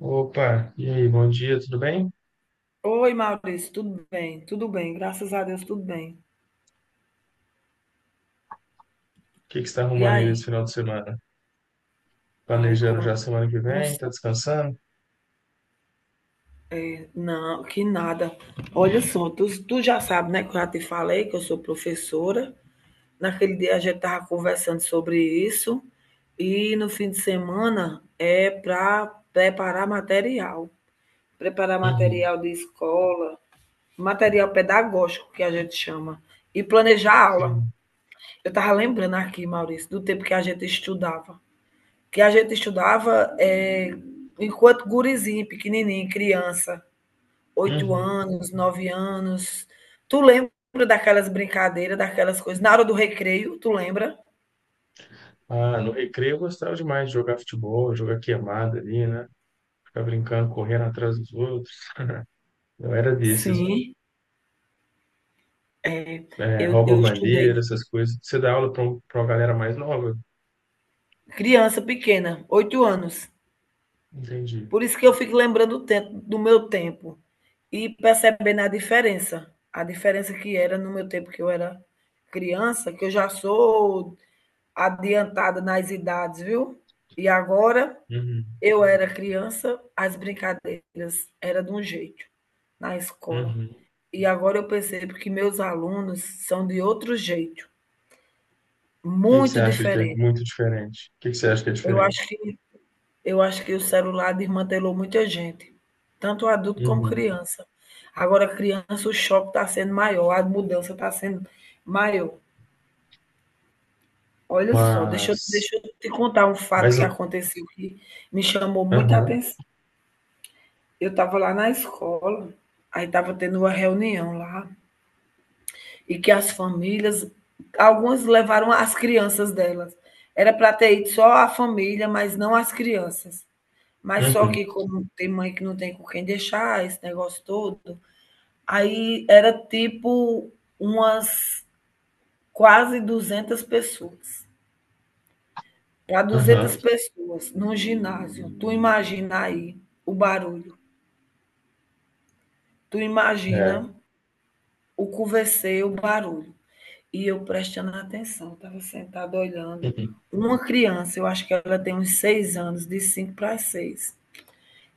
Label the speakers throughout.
Speaker 1: Opa, e aí, bom dia, tudo bem? O
Speaker 2: Oi, Maurício, tudo bem? Tudo bem, graças a Deus, tudo bem.
Speaker 1: que que você está
Speaker 2: E
Speaker 1: arrumando aí nesse
Speaker 2: aí?
Speaker 1: final de semana?
Speaker 2: Ai.
Speaker 1: Planejando
Speaker 2: como.
Speaker 1: já a semana que vem? Tá
Speaker 2: sa-
Speaker 1: descansando?
Speaker 2: Não, que nada. Olha só, tu já sabe, né, que eu já te falei que eu sou professora. Naquele dia a gente estava conversando sobre isso. E no fim de semana é para preparar material. Preparar
Speaker 1: Uhum,
Speaker 2: material de escola, material pedagógico, que a gente chama. E planejar aula.
Speaker 1: sim.
Speaker 2: Eu estava lembrando aqui, Maurício, do tempo que a gente estudava. que a gente estudava é, Enquanto gurizinho, pequenininho, criança, oito
Speaker 1: Uhum.
Speaker 2: anos, 9 anos. Tu lembra daquelas brincadeiras, daquelas coisas? Na hora do recreio, tu lembra?
Speaker 1: Ah, no recreio eu gostava demais de jogar futebol, jogar queimada ali, né? Ficar brincando, correndo atrás dos outros. Eu era desses, né?
Speaker 2: Sim, É,
Speaker 1: É,
Speaker 2: eu,
Speaker 1: rouba
Speaker 2: eu estudei
Speaker 1: bandeira, essas coisas. Você dá aula para uma galera mais nova?
Speaker 2: criança pequena, 8 anos.
Speaker 1: Entendi.
Speaker 2: Por isso que eu fico lembrando o tempo, do meu tempo e percebendo a diferença. A diferença que era no meu tempo que eu era criança, que eu já sou adiantada nas idades, viu? E agora,
Speaker 1: Uhum,
Speaker 2: eu era criança, as brincadeiras era de um jeito na escola.
Speaker 1: uhum. O
Speaker 2: E agora eu percebo que meus alunos são de outro jeito,
Speaker 1: que que você
Speaker 2: muito
Speaker 1: acha que é
Speaker 2: diferente.
Speaker 1: muito diferente? O que que você acha que é
Speaker 2: Eu acho
Speaker 1: diferente?
Speaker 2: que eu acho que o celular desmantelou muita gente, tanto adulto como
Speaker 1: Uhum.
Speaker 2: criança. Agora, criança, o choque está sendo maior, a mudança está sendo maior. Olha só, deixa eu,
Speaker 1: Mas,
Speaker 2: deixa eu te contar um fato
Speaker 1: mas,
Speaker 2: que aconteceu que me chamou muita
Speaker 1: aham,
Speaker 2: atenção. Eu estava lá na escola, aí estava tendo uma reunião lá, e que as famílias, algumas levaram as crianças delas. Era para ter ido só a família, mas não as crianças. Mas só que,
Speaker 1: uhum.
Speaker 2: como tem mãe que não tem com quem deixar, esse negócio todo, aí era tipo umas quase 200 pessoas. Para duzentas
Speaker 1: Aham,
Speaker 2: pessoas num ginásio, tu imagina aí o barulho, tu
Speaker 1: é.
Speaker 2: imagina o conversei, o barulho. E eu prestando atenção, estava sentada olhando.
Speaker 1: Uhum.
Speaker 2: Uma criança, eu acho que ela tem uns 6 anos, de 5 para 6.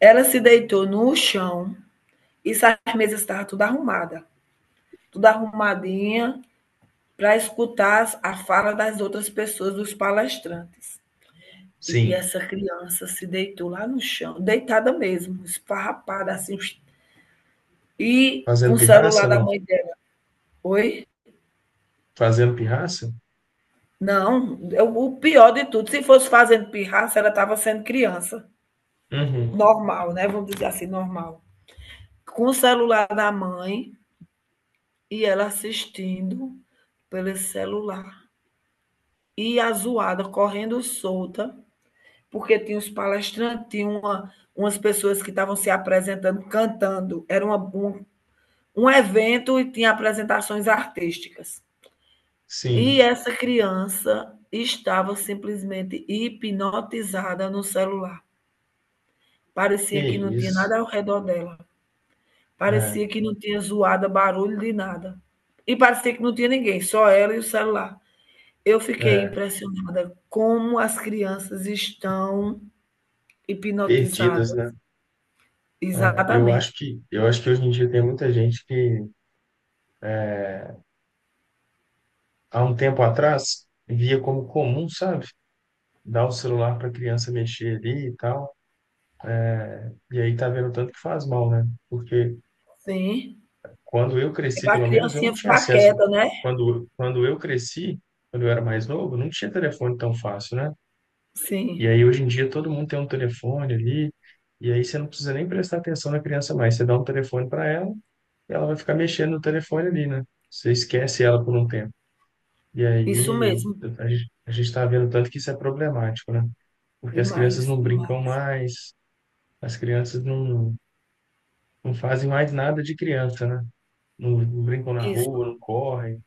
Speaker 2: Ela se deitou no chão e as mesas estavam tudo arrumada, tudo arrumadinha para escutar a fala das outras pessoas, dos palestrantes. E
Speaker 1: Sim.
Speaker 2: essa criança se deitou lá no chão, deitada mesmo, esfarrapada assim, e com
Speaker 1: Fazendo
Speaker 2: o celular
Speaker 1: pirraça,
Speaker 2: da
Speaker 1: não?
Speaker 2: mãe dela. Oi?
Speaker 1: Fazendo pirraça?
Speaker 2: Não, o pior de tudo, se fosse fazendo pirraça, ela estava sendo criança.
Speaker 1: Uhum.
Speaker 2: Normal, né? Vamos dizer assim, normal. Com o celular da mãe e ela assistindo pelo celular. E a zoada correndo solta, porque tinha os palestrantes, tinha umas pessoas que estavam se apresentando, cantando. Era um evento e tinha apresentações artísticas.
Speaker 1: Sim.
Speaker 2: E essa criança estava simplesmente hipnotizada no celular.
Speaker 1: Que
Speaker 2: Parecia que não tinha
Speaker 1: isso.
Speaker 2: nada ao redor dela.
Speaker 1: É,
Speaker 2: Parecia que não tinha zoada, barulho de nada. E parecia que não tinha ninguém, só ela e o celular. Eu fiquei
Speaker 1: é.
Speaker 2: impressionada como as crianças estão
Speaker 1: Perdidas,
Speaker 2: hipnotizadas.
Speaker 1: né? É,
Speaker 2: Exatamente.
Speaker 1: eu acho que hoje em dia tem muita gente que, há um tempo atrás, via como comum, sabe? Dar o celular para a criança mexer ali e tal. E aí tá vendo o tanto que faz mal, né? Porque
Speaker 2: Sim.
Speaker 1: quando eu
Speaker 2: É
Speaker 1: cresci,
Speaker 2: para a
Speaker 1: pelo menos, eu não
Speaker 2: criancinha
Speaker 1: tinha
Speaker 2: ficar
Speaker 1: acesso.
Speaker 2: quieta, né?
Speaker 1: Quando eu cresci, quando eu era mais novo, não tinha telefone tão fácil, né? E
Speaker 2: Sim.
Speaker 1: aí, hoje em dia, todo mundo tem um telefone ali, e aí você não precisa nem prestar atenção na criança mais. Você dá um telefone para ela, e ela vai ficar mexendo no telefone ali, né? Você esquece ela por um tempo. E
Speaker 2: Isso
Speaker 1: aí,
Speaker 2: mesmo.
Speaker 1: a gente está vendo tanto que isso é problemático, né? Porque as crianças
Speaker 2: Demais,
Speaker 1: não brincam
Speaker 2: demais.
Speaker 1: mais, as crianças não fazem mais nada de criança, né? Não brincam na
Speaker 2: Isso.
Speaker 1: rua, não correm,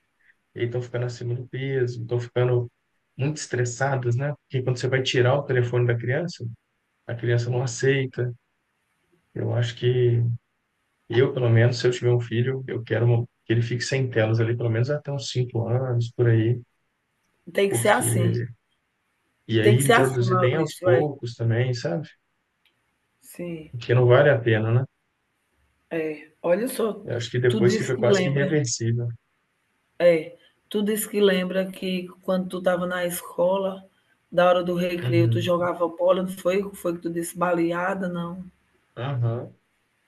Speaker 1: e aí estão ficando acima do peso, estão ficando muito estressadas, né? Porque quando você vai tirar o telefone da criança, a criança não aceita. Eu acho que eu, pelo menos, se eu tiver um filho, eu quero uma- que ele fique sem telas ali, pelo menos até uns 5 anos, por aí,
Speaker 2: Tem que ser assim.
Speaker 1: porque... E
Speaker 2: Tem
Speaker 1: aí
Speaker 2: que ser assim,
Speaker 1: introduzir bem aos
Speaker 2: Maurício. É.
Speaker 1: poucos também, sabe?
Speaker 2: Sim.
Speaker 1: Porque não vale a pena, né?
Speaker 2: É. Olha só.
Speaker 1: Eu acho que
Speaker 2: Tu
Speaker 1: depois
Speaker 2: disse
Speaker 1: fica
Speaker 2: que
Speaker 1: quase que
Speaker 2: lembra.
Speaker 1: irreversível.
Speaker 2: É, tudo isso que lembra que quando tu estava na escola, da hora do recreio, tu
Speaker 1: Uhum.
Speaker 2: jogava bola, não foi? Foi que tu disse baleada, não?
Speaker 1: Aham.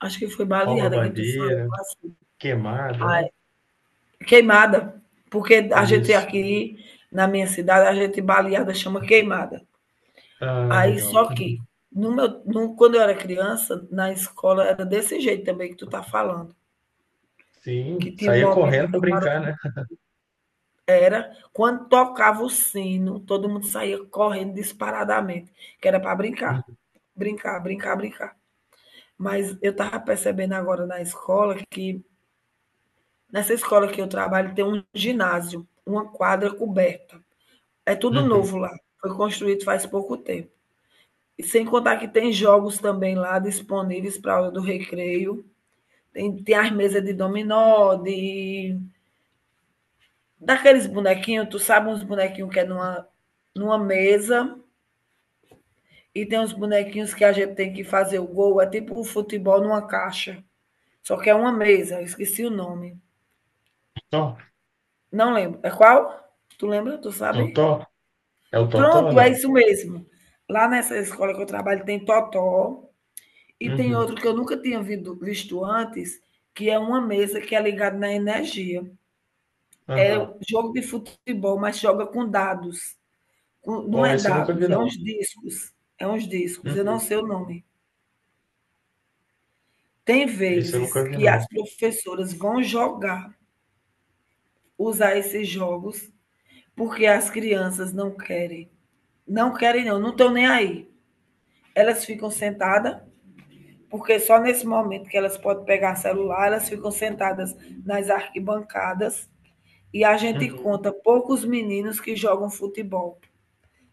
Speaker 2: Acho que foi
Speaker 1: Rouba
Speaker 2: baleada que tu falou
Speaker 1: bandeira,
Speaker 2: assim.
Speaker 1: queimada,
Speaker 2: Ah,
Speaker 1: né?
Speaker 2: é. Queimada, porque a gente
Speaker 1: Isso.
Speaker 2: aqui na minha cidade, a gente baleada chama queimada.
Speaker 1: Ah,
Speaker 2: Aí
Speaker 1: legal.
Speaker 2: só que
Speaker 1: Uhum.
Speaker 2: no meu, no, quando eu era criança, na escola era desse jeito também que tu tá falando,
Speaker 1: Sim,
Speaker 2: que tinha um
Speaker 1: saía
Speaker 2: momento
Speaker 1: correndo para
Speaker 2: que na
Speaker 1: brincar, né?
Speaker 2: Era quando tocava o sino, todo mundo saía correndo disparadamente, que era para brincar,
Speaker 1: Uhum.
Speaker 2: brincar, brincar, brincar. Mas eu estava percebendo agora na escola que, nessa escola que eu trabalho, tem um ginásio, uma quadra coberta. É tudo
Speaker 1: Uhum.
Speaker 2: novo lá, foi construído faz pouco tempo. E sem contar que tem jogos também lá disponíveis para a hora do recreio. Tem as mesas de dominó, de daqueles bonequinhos, tu sabe uns bonequinhos que é numa mesa. E tem uns bonequinhos que a gente tem que fazer o gol. É tipo um futebol numa caixa. Só que é uma mesa. Eu esqueci o nome.
Speaker 1: Tó,
Speaker 2: Não lembro. É qual? Tu lembra? Tu
Speaker 1: totó?
Speaker 2: sabe?
Speaker 1: É o totó ou
Speaker 2: Pronto, é
Speaker 1: não?
Speaker 2: isso mesmo. Lá nessa escola que eu trabalho tem totó. E tem outro
Speaker 1: Uhum.
Speaker 2: que eu nunca tinha visto antes, que é uma mesa que é ligada na energia. É
Speaker 1: Aham.
Speaker 2: jogo de futebol, mas joga com dados. Não
Speaker 1: Ó,
Speaker 2: é
Speaker 1: esse eu nunca vi,
Speaker 2: dados, é uns
Speaker 1: não.
Speaker 2: discos. É uns discos. Eu não
Speaker 1: Uhum.
Speaker 2: sei o nome. Tem
Speaker 1: Isso eu
Speaker 2: vezes
Speaker 1: nunca vi,
Speaker 2: que
Speaker 1: não.
Speaker 2: as professoras vão jogar, usar esses jogos, porque as crianças não querem. Não querem não, não estão nem aí. Elas ficam sentadas, porque só nesse momento que elas podem pegar celular, elas ficam sentadas nas arquibancadas e a gente
Speaker 1: Uhum.
Speaker 2: conta poucos meninos que jogam futebol,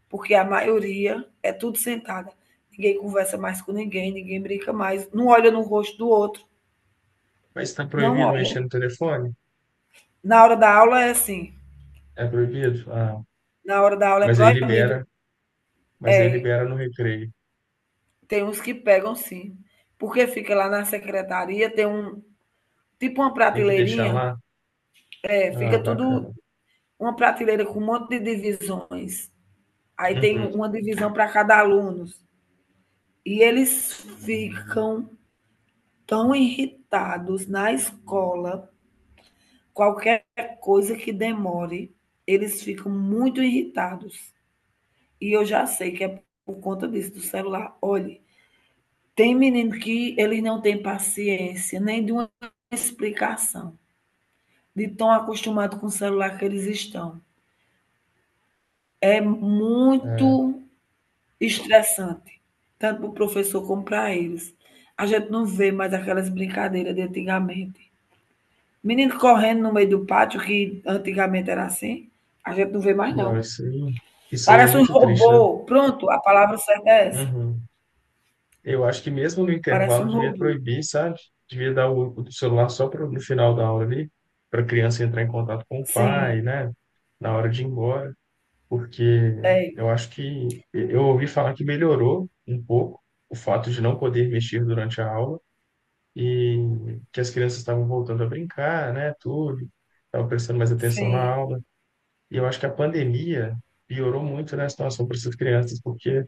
Speaker 2: porque a maioria é tudo sentada. Ninguém conversa mais com ninguém, ninguém brinca mais, não olha no rosto do outro,
Speaker 1: Mas está
Speaker 2: não
Speaker 1: proibido
Speaker 2: olha.
Speaker 1: mexer no telefone?
Speaker 2: Na hora da aula é assim.
Speaker 1: É proibido? Ah,
Speaker 2: Na hora da aula é
Speaker 1: mas aí
Speaker 2: proibido.
Speaker 1: libera, mas aí
Speaker 2: É.
Speaker 1: libera no recreio.
Speaker 2: Tem uns que pegam, sim. Porque fica lá na secretaria, tem um tipo uma
Speaker 1: Tem que deixar
Speaker 2: prateleirinha,
Speaker 1: lá? Ah,
Speaker 2: fica tudo
Speaker 1: bacana.
Speaker 2: uma prateleira com um monte de divisões. Aí tem
Speaker 1: Uhum.
Speaker 2: uma divisão para cada aluno. E eles ficam tão irritados na escola, qualquer coisa que demore, eles ficam muito irritados. E eu já sei que é por conta disso, do celular. Olhe, tem menino que ele não tem paciência nem de uma explicação, de tão acostumado com o celular que eles estão. É
Speaker 1: É,
Speaker 2: muito estressante, tanto para o professor como para eles. A gente não vê mais aquelas brincadeiras de antigamente. Menino correndo no meio do pátio, que antigamente era assim, a gente não vê mais,
Speaker 1: não,
Speaker 2: não.
Speaker 1: isso aí é
Speaker 2: Parece um
Speaker 1: muito triste, né?
Speaker 2: robô. Pronto, a palavra certa é essa.
Speaker 1: Uhum. Eu acho que mesmo no
Speaker 2: Parece
Speaker 1: intervalo
Speaker 2: um
Speaker 1: devia
Speaker 2: robô.
Speaker 1: proibir, sabe? Devia dar o celular só pro, no final da aula ali, para a criança entrar em contato com o
Speaker 2: Sim,
Speaker 1: pai, né? Na hora de ir embora. Porque
Speaker 2: é.
Speaker 1: eu acho que eu ouvi falar que melhorou um pouco o fato de não poder mexer durante a aula e que as crianças estavam voltando a brincar, né, tudo, estavam prestando mais atenção na
Speaker 2: Sim,
Speaker 1: aula. E eu acho que a pandemia piorou muito, né, a situação para essas crianças, porque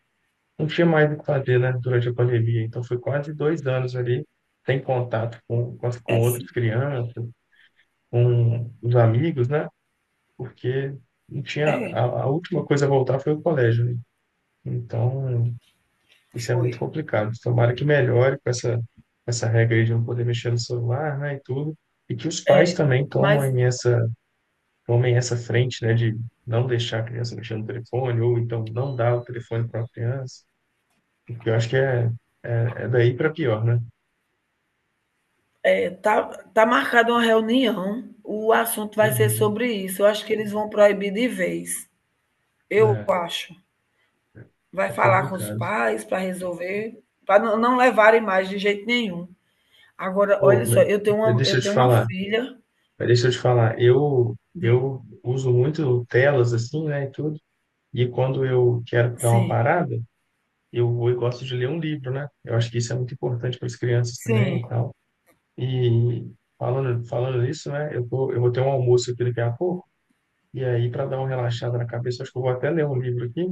Speaker 1: não tinha mais o que fazer, né, durante a pandemia. Então foi quase 2 anos ali sem contato com
Speaker 2: é sim.
Speaker 1: outras crianças, com os amigos, né, porque não tinha
Speaker 2: É,
Speaker 1: a última coisa a voltar foi o colégio, né? Então, isso é muito
Speaker 2: foi.
Speaker 1: complicado. Tomara que melhore com essa, essa regra aí de não poder mexer no celular, né, e tudo. E que os pais também
Speaker 2: Mas
Speaker 1: tomem essa frente, né, de não deixar a criança mexer no telefone, ou então não dar o telefone para a criança, porque eu acho é, é daí para pior, né?
Speaker 2: é, tá marcada uma reunião, o assunto vai ser
Speaker 1: Uhum.
Speaker 2: sobre isso. Eu acho que eles vão proibir de vez. Eu
Speaker 1: É,
Speaker 2: acho. Vai
Speaker 1: é
Speaker 2: falar com os
Speaker 1: complicado.
Speaker 2: pais para resolver, para não levarem mais de jeito nenhum. Agora,
Speaker 1: Ô,
Speaker 2: olha só, eu tenho uma,
Speaker 1: deixa
Speaker 2: eu
Speaker 1: eu te
Speaker 2: tenho uma
Speaker 1: falar,
Speaker 2: filha
Speaker 1: mas deixa eu te falar,
Speaker 2: de.
Speaker 1: eu uso muito telas assim, né, e tudo, e quando eu quero dar uma
Speaker 2: Sim,
Speaker 1: parada, eu gosto de ler um livro, né? Eu acho que isso é muito importante para as crianças também e
Speaker 2: sim,
Speaker 1: tal. E falando nisso, né? Eu tô, eu vou ter um almoço aqui daqui a pouco, e aí para dar uma relaxada na cabeça, acho que eu vou até ler um livro aqui,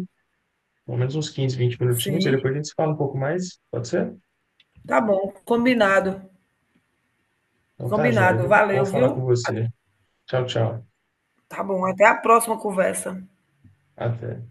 Speaker 1: pelo menos uns 15 20 minutinhos, e depois
Speaker 2: sim.
Speaker 1: a gente se fala um pouco mais, pode ser?
Speaker 2: Tá bom, combinado.
Speaker 1: Então tá, joia,
Speaker 2: Combinado.
Speaker 1: viu? Bom
Speaker 2: Valeu,
Speaker 1: falar com
Speaker 2: viu?
Speaker 1: você. Tchau, tchau.
Speaker 2: Tá bom, até a próxima conversa.
Speaker 1: Até.